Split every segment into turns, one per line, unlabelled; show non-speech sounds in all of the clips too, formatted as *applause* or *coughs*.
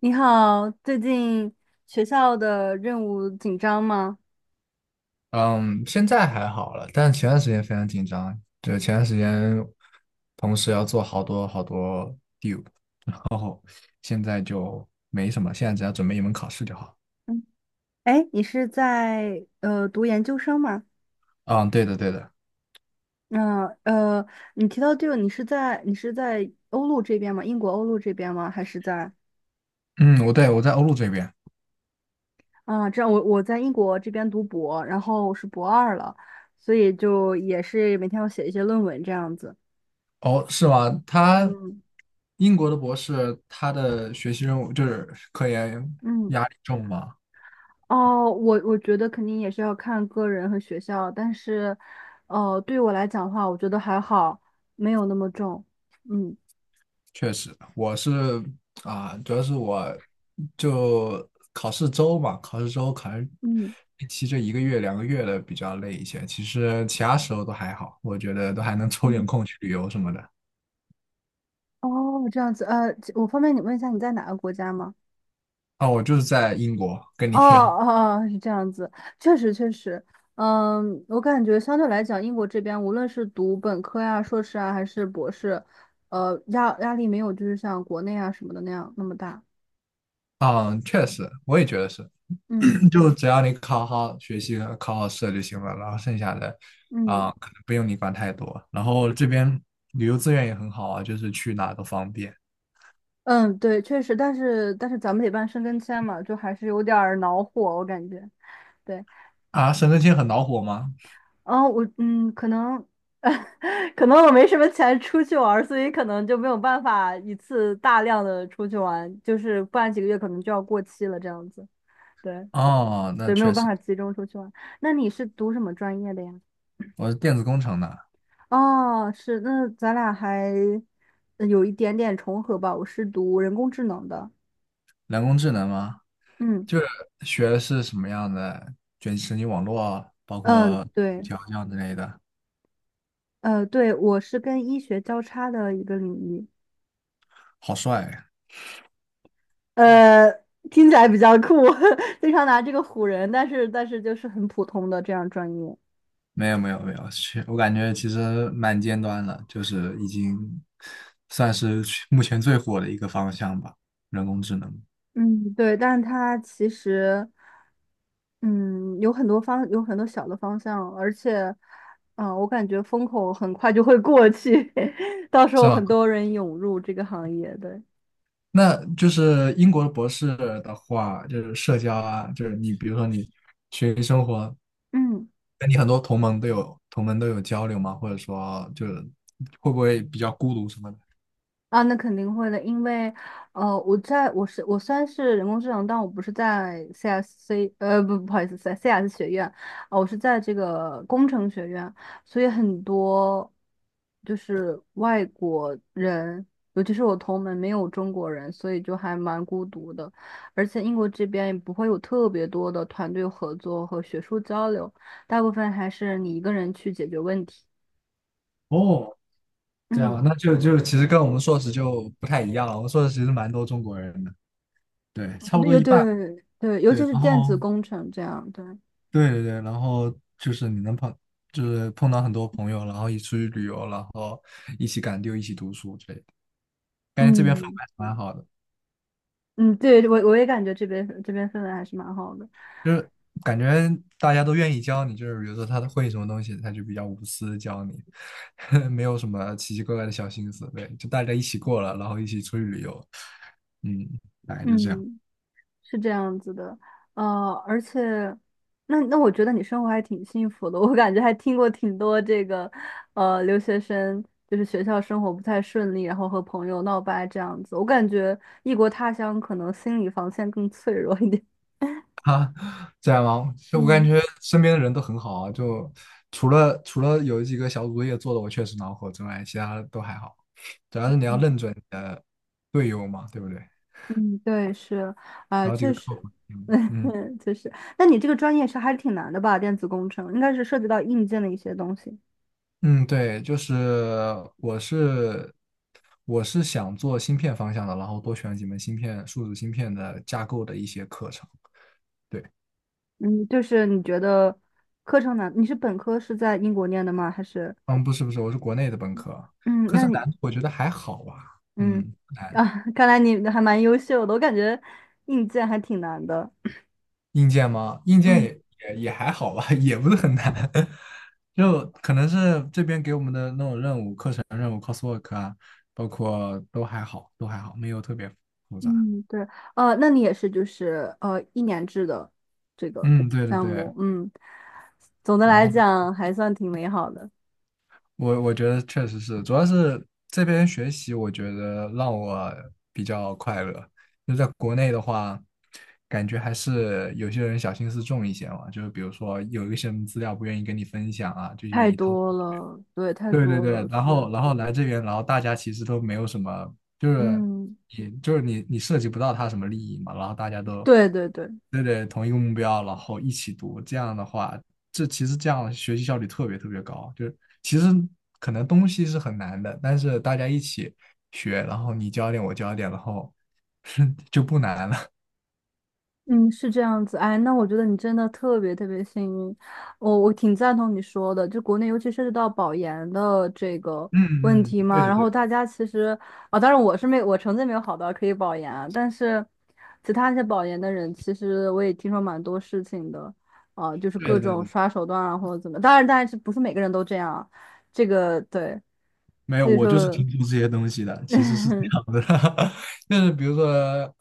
你好，最近学校的任务紧张吗？
嗯，现在还好了，但前段时间非常紧张。对，前段时间同时要做好多好多 due，然后现在就没什么，现在只要准备一门考试就好。
哎，你是在读研究生吗？
嗯，对的，对的。
嗯呃，你提到这个，你是在欧陆这边吗？英国欧陆这边吗？还是在
嗯，我对我在欧陆这边。
啊？这样我在英国这边读博，然后我是博二了，所以就也是每天要写一些论文这样子。
哦，是吗？他
嗯。
英国的博士，他的学习任务就是科研
嗯。
压力重吗？
哦，我觉得肯定也是要看个人和学校，但是，哦，对我来讲的话，我觉得还好，没有那么重。嗯。
确实，我是啊，主要是我就考试周嘛，考试周可能
嗯。
实期这1个月、2个月的比较累一些。其实其他时候都还好，我觉得都还能抽点
嗯，
空去旅游什么的。
哦，这样子，我方便你问一下你在哪个国家吗？
啊，我就是在英国，跟你
哦
一样。
哦，哦是这样子，确实确实，嗯，我感觉相对来讲，英国这边无论是读本科呀、硕士啊，还是博士，呃，压力没有就是像国内啊什么的那样那么大。
嗯，确实，我也觉得是，
嗯。
*coughs* *clears throat* 就只要你考好学习、考好试就行了，然后剩下的
嗯。
啊，可能不用你管太多。然后这边旅游资源也很好啊，就是去哪都方便。
嗯，对，确实，但是咱们得办申根签嘛，就还是有点儿恼火，我感觉。对，
啊，省政厅很恼火吗？
然后我嗯，可能 *laughs* 可能我没什么钱出去玩儿，所以可能就没有办法一次大量的出去玩，就是不然几个月可能就要过期了这样子。对。
哦，那
对，没有
确
办
实，
法集中出去玩。那你是读什么专业的呀？
我是电子工程的。
哦，是，那咱俩还有一点点重合吧。我是读人工智能的。
人工智能吗？
嗯。
就是学的是什么样的卷神经网络，包
嗯，
括语
对。
调教之类的。
呃，对，我是跟医学交叉的一个领域。
好帅呀。
呃，听起来比较酷，*laughs* 经常拿这个唬人，但是就是很普通的这样专业。
没有没有没有，去，我感觉其实蛮尖端的，就是已经算是去目前最火的一个方向吧，人工智能。
嗯，对，但是它其实，嗯，有很多小的方向，而且，啊，我感觉风口很快就会过去，*laughs* 到时
是
候
吗？
很多人涌入这个行业，对，
那就是英国的博士的话，就是社交啊，就是你比如说你学习生活，
嗯。
那你很多同盟都有交流吗？或者说就是会不会比较孤独什么的？
啊，那肯定会的，因为，呃，我虽然是人工智能，但我不是在 CSC，呃，不，不好意思，在 CS 学院，啊，我是在这个工程学院，所以很多就是外国人，尤其是我同门没有中国人，所以就还蛮孤独的，而且英国这边也不会有特别多的团队合作和学术交流，大部分还是你一个人去解决问题。
哦，这样啊，
嗯。
那就其实跟我们硕士就不太一样了。我们硕士其实蛮多中国人的，对，差不多
有。
一半。
对对，尤
对，
其是
然
电子
后
工程这样，对，
对对对，然后就是你能碰，就是碰到很多朋友，然后一起出去旅游，然后一起赶丢，一起读书之类的，感觉这边氛围
嗯。
还是蛮好的。
嗯，对我也感觉这边氛围还是蛮好的，
就是感觉大家都愿意教你，就是比如说他会什么东西，他就比较无私教你，*laughs* 没有什么奇奇怪怪的小心思，对，就大家一起过了，然后一起出去旅游，嗯，大概就这样。
嗯，是这样子的，呃，而且那我觉得你生活还挺幸福的，我感觉还听过挺多这个留学生就是学校生活不太顺利，然后和朋友闹掰这样子，我感觉异国他乡可能心理防线更脆弱一点，
这样吗？
*laughs*
就我感
嗯。
觉身边的人都很好啊，就除了有几个小组作业做的我确实恼火之外，其他都还好，主要是你要
嗯。
认准队友嘛，对不对？
嗯，对，是，啊、
然后几
确
个靠
实，
谱，
*laughs*
嗯嗯。
嗯，确实。那你这个专业是还是挺难的吧？电子工程应该是涉及到硬件的一些东西。
嗯，对，就是我是我是想做芯片方向的，然后多选几门芯片、数字芯片的架构的一些课程。对，
嗯，就是你觉得课程难？你是本科是在英国念的吗？还是
嗯，不是不是，我是国内的本科，
嗯，
课
那
程难
你
度我觉得还好吧，
嗯。
嗯，不
啊，
难。
*laughs* 看来你还蛮优秀的，我感觉硬件还挺难的。
硬件吗？硬件
嗯。
也还好吧，*laughs* 也不是很难，*laughs* 就可能是这边给我们的那种任务、课程任务、c o s w o r k 啊，包括都还好，都还好，没有特别复杂。
嗯，对，呃，那你也是就是一年制的这个
嗯，对对
项
对。
目，嗯，总的
然
来
后
讲还算挺美好的。
我觉得确实是，主要是这边学习，我觉得让我比较快乐。就在国内的话，感觉还是有些人小心思重一些嘛，就是比如说有一些什么资料不愿意跟你分享啊，就
太
愿意偷。
多了，对，太
对对
多
对，
了，
然后
是，
然后来这边，然后大家其实都没有什么，就是
嗯，
也就是你你涉及不到他什么利益嘛，然后大家都
对对对，
对对同一个目标，然后一起读，这样的话，这其实这样学习效率特别特别高，就是其实可能东西是很难的，但是大家一起学，然后你教一点我教一点，然后 *laughs* 就不难了。
嗯，是这样子。哎，那我觉得你真的特别特别幸运，我挺赞同你说的，就国内尤其涉及到保研的这个问
嗯嗯，
题
对
嘛，
的
然
对，
后大家其实啊，当然我成绩没有好到可以保研啊，但是其他一些保研的人，其实我也听说蛮多事情的，啊，就是
对
各
的对
种
的。
刷手段啊或者怎么，当然是不是每个人都这样啊，这个对，
没有，
所以
我就是
说。
听说这些东西的，其实是这
*laughs*
样的，*laughs* 就是比如说，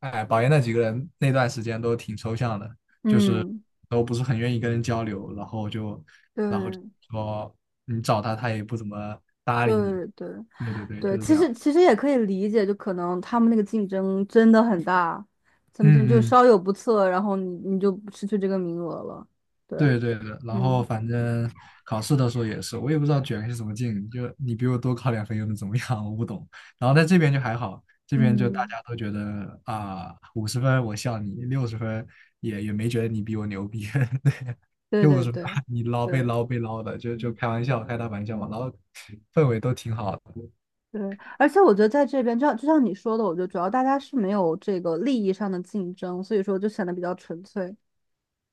哎，保研那几个人那段时间都挺抽象的，就是
嗯，
都不是很愿意跟人交流，然后就
对
说你找他，他也不怎么搭理你。
对对
对对对，
对，
就是这
其
样。
实其实也可以理解，就可能他们那个竞争真的很大，他们就
嗯嗯，
稍有不测，然后你你就失去这个名额了。对，
对对的，然后
嗯
反正考试的时候也是，我也不知道卷是什么劲，就你比我多考2分又能怎么样？*laughs* 我不懂。然后在这边就还好，这边就大
嗯，
家都觉得啊，五十分我笑你，60分也没觉得你比我牛逼，*laughs* 对，
对
就五
对
十分
对
你捞被
对
捞被捞的，就
嗯
开玩笑，开大玩笑嘛，然后氛围都挺好的。
对，而且我觉得在这边，就像就像你说的，我觉得主要大家是没有这个利益上的竞争，所以说就显得比较纯粹。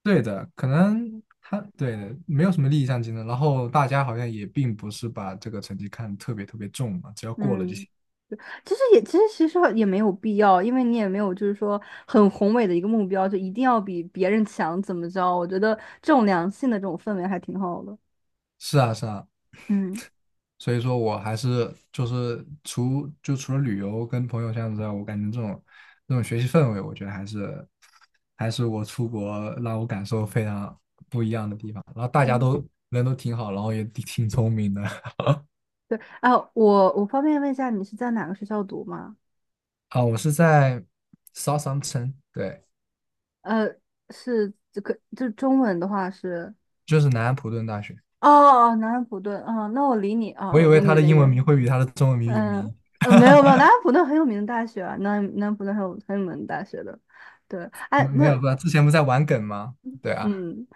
对的，可能他对的没有什么利益上竞争，然后大家好像也并不是把这个成绩看得特别特别重嘛，只要过了就
嗯，
行。
对其实也其实也没有必要，因为你也没有就是说很宏伟的一个目标，就一定要比别人强怎么着？我觉得这种良性的这种氛围还挺好的。
是啊，是啊，
嗯。
所以说我还是就是除了旅游跟朋友相处之外，我感觉这种学习氛围，我觉得还是我出国让我感受非常不一样的地方。然后大家
嗯，
都人都挺好，然后也挺挺聪明的。
对，啊，我方便问一下你是在哪个学校读吗？
*laughs* 啊。我是在 Southampton，对，
呃，是这个就中文的话是
就是南安普顿大学。
哦。哦南安普顿啊，那我离你啊，
我以
我
为
离你
他
有
的
点
英文
远。
名会比他的中文名有
嗯。
名，
呃，没有没有，南安普顿很有名的大学啊，南安普顿很有名的大学的。对，
嗯
哎，
没有，
那
不，之前不在玩梗吗？对啊，
嗯。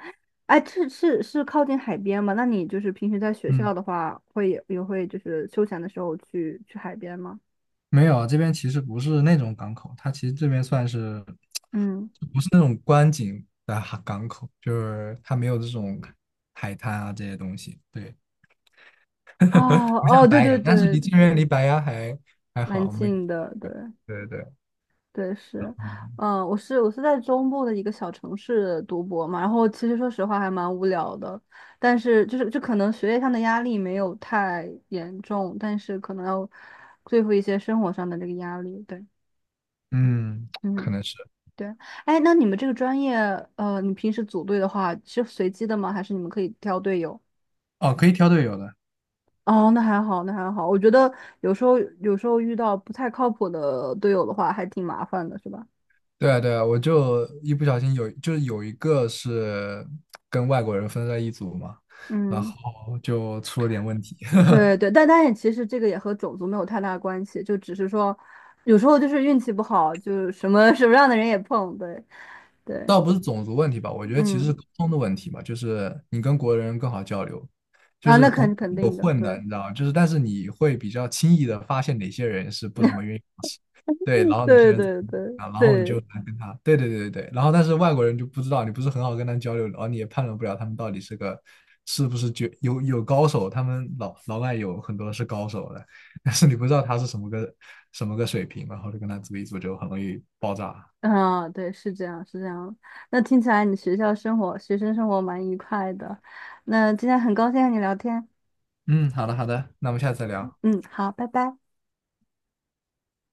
哎，是靠近海边吗？那你就是平时在学
嗯。
校的话，也会就是休闲的时候去海边吗？
没有，啊，这边其实不是那种港口，它其实这边算是，
嗯，
不是那种观景的哈港口，就是它没有这种海滩啊这些东西，对，
哦
*laughs* 不像
哦，对
白
对
洋，但是
对，
离这边离白洋还
蛮
好，没，
近的，对。
对对对，
对是，嗯，我是在中部的一个小城市读博嘛，然后其实说实话还蛮无聊的，但是就可能学业上的压力没有太严重，但是可能要对付一些生活上的这个压力，对，
嗯，可
嗯。
能是，
对，哎，那你们这个专业，呃，你平时组队的话是随机的吗？还是你们可以挑队友？
哦，可以挑队友的，
哦，那还好，那还好。我觉得有时候遇到不太靠谱的队友的话，还挺麻烦的，是吧？
对啊对啊，我就一不小心就是有一个是跟外国人分在一组嘛，然
嗯，
后就出了点问题，
对对，但但也其实这个也和种族没有太大关系，就只是说有时候就是运气不好，就什么 *laughs* 什么样的人也碰，对对，
倒不是种族问题吧，我觉得其实是
嗯，
沟通的问题吧，就是你跟国人更好交流，就
啊，
是
那
国
肯
人
肯
有
定的，
混
对
的，你知道吗？就是但是你会比较轻易的发现哪些人是不怎么
*laughs*
愿意做事，对，然后哪些
对
人怎
对
么
对
啊，然后你就
对。
来跟他，对对对对对，然后但是外国人就不知道，你不是很好跟他交流，然后你也判断不了他们到底是个是不是绝有高手，他们老外有很多是高手的，*laughs* 但是你不知道他是什么个水平，然后就跟他组一组就很容易爆炸。
*laughs* 嗯，对，是这样，是这样。那听起来你学校生活、学生生活蛮愉快的。那今天很高兴和你聊天，
嗯，好的好的，那我们下次再聊。
嗯，好，拜拜。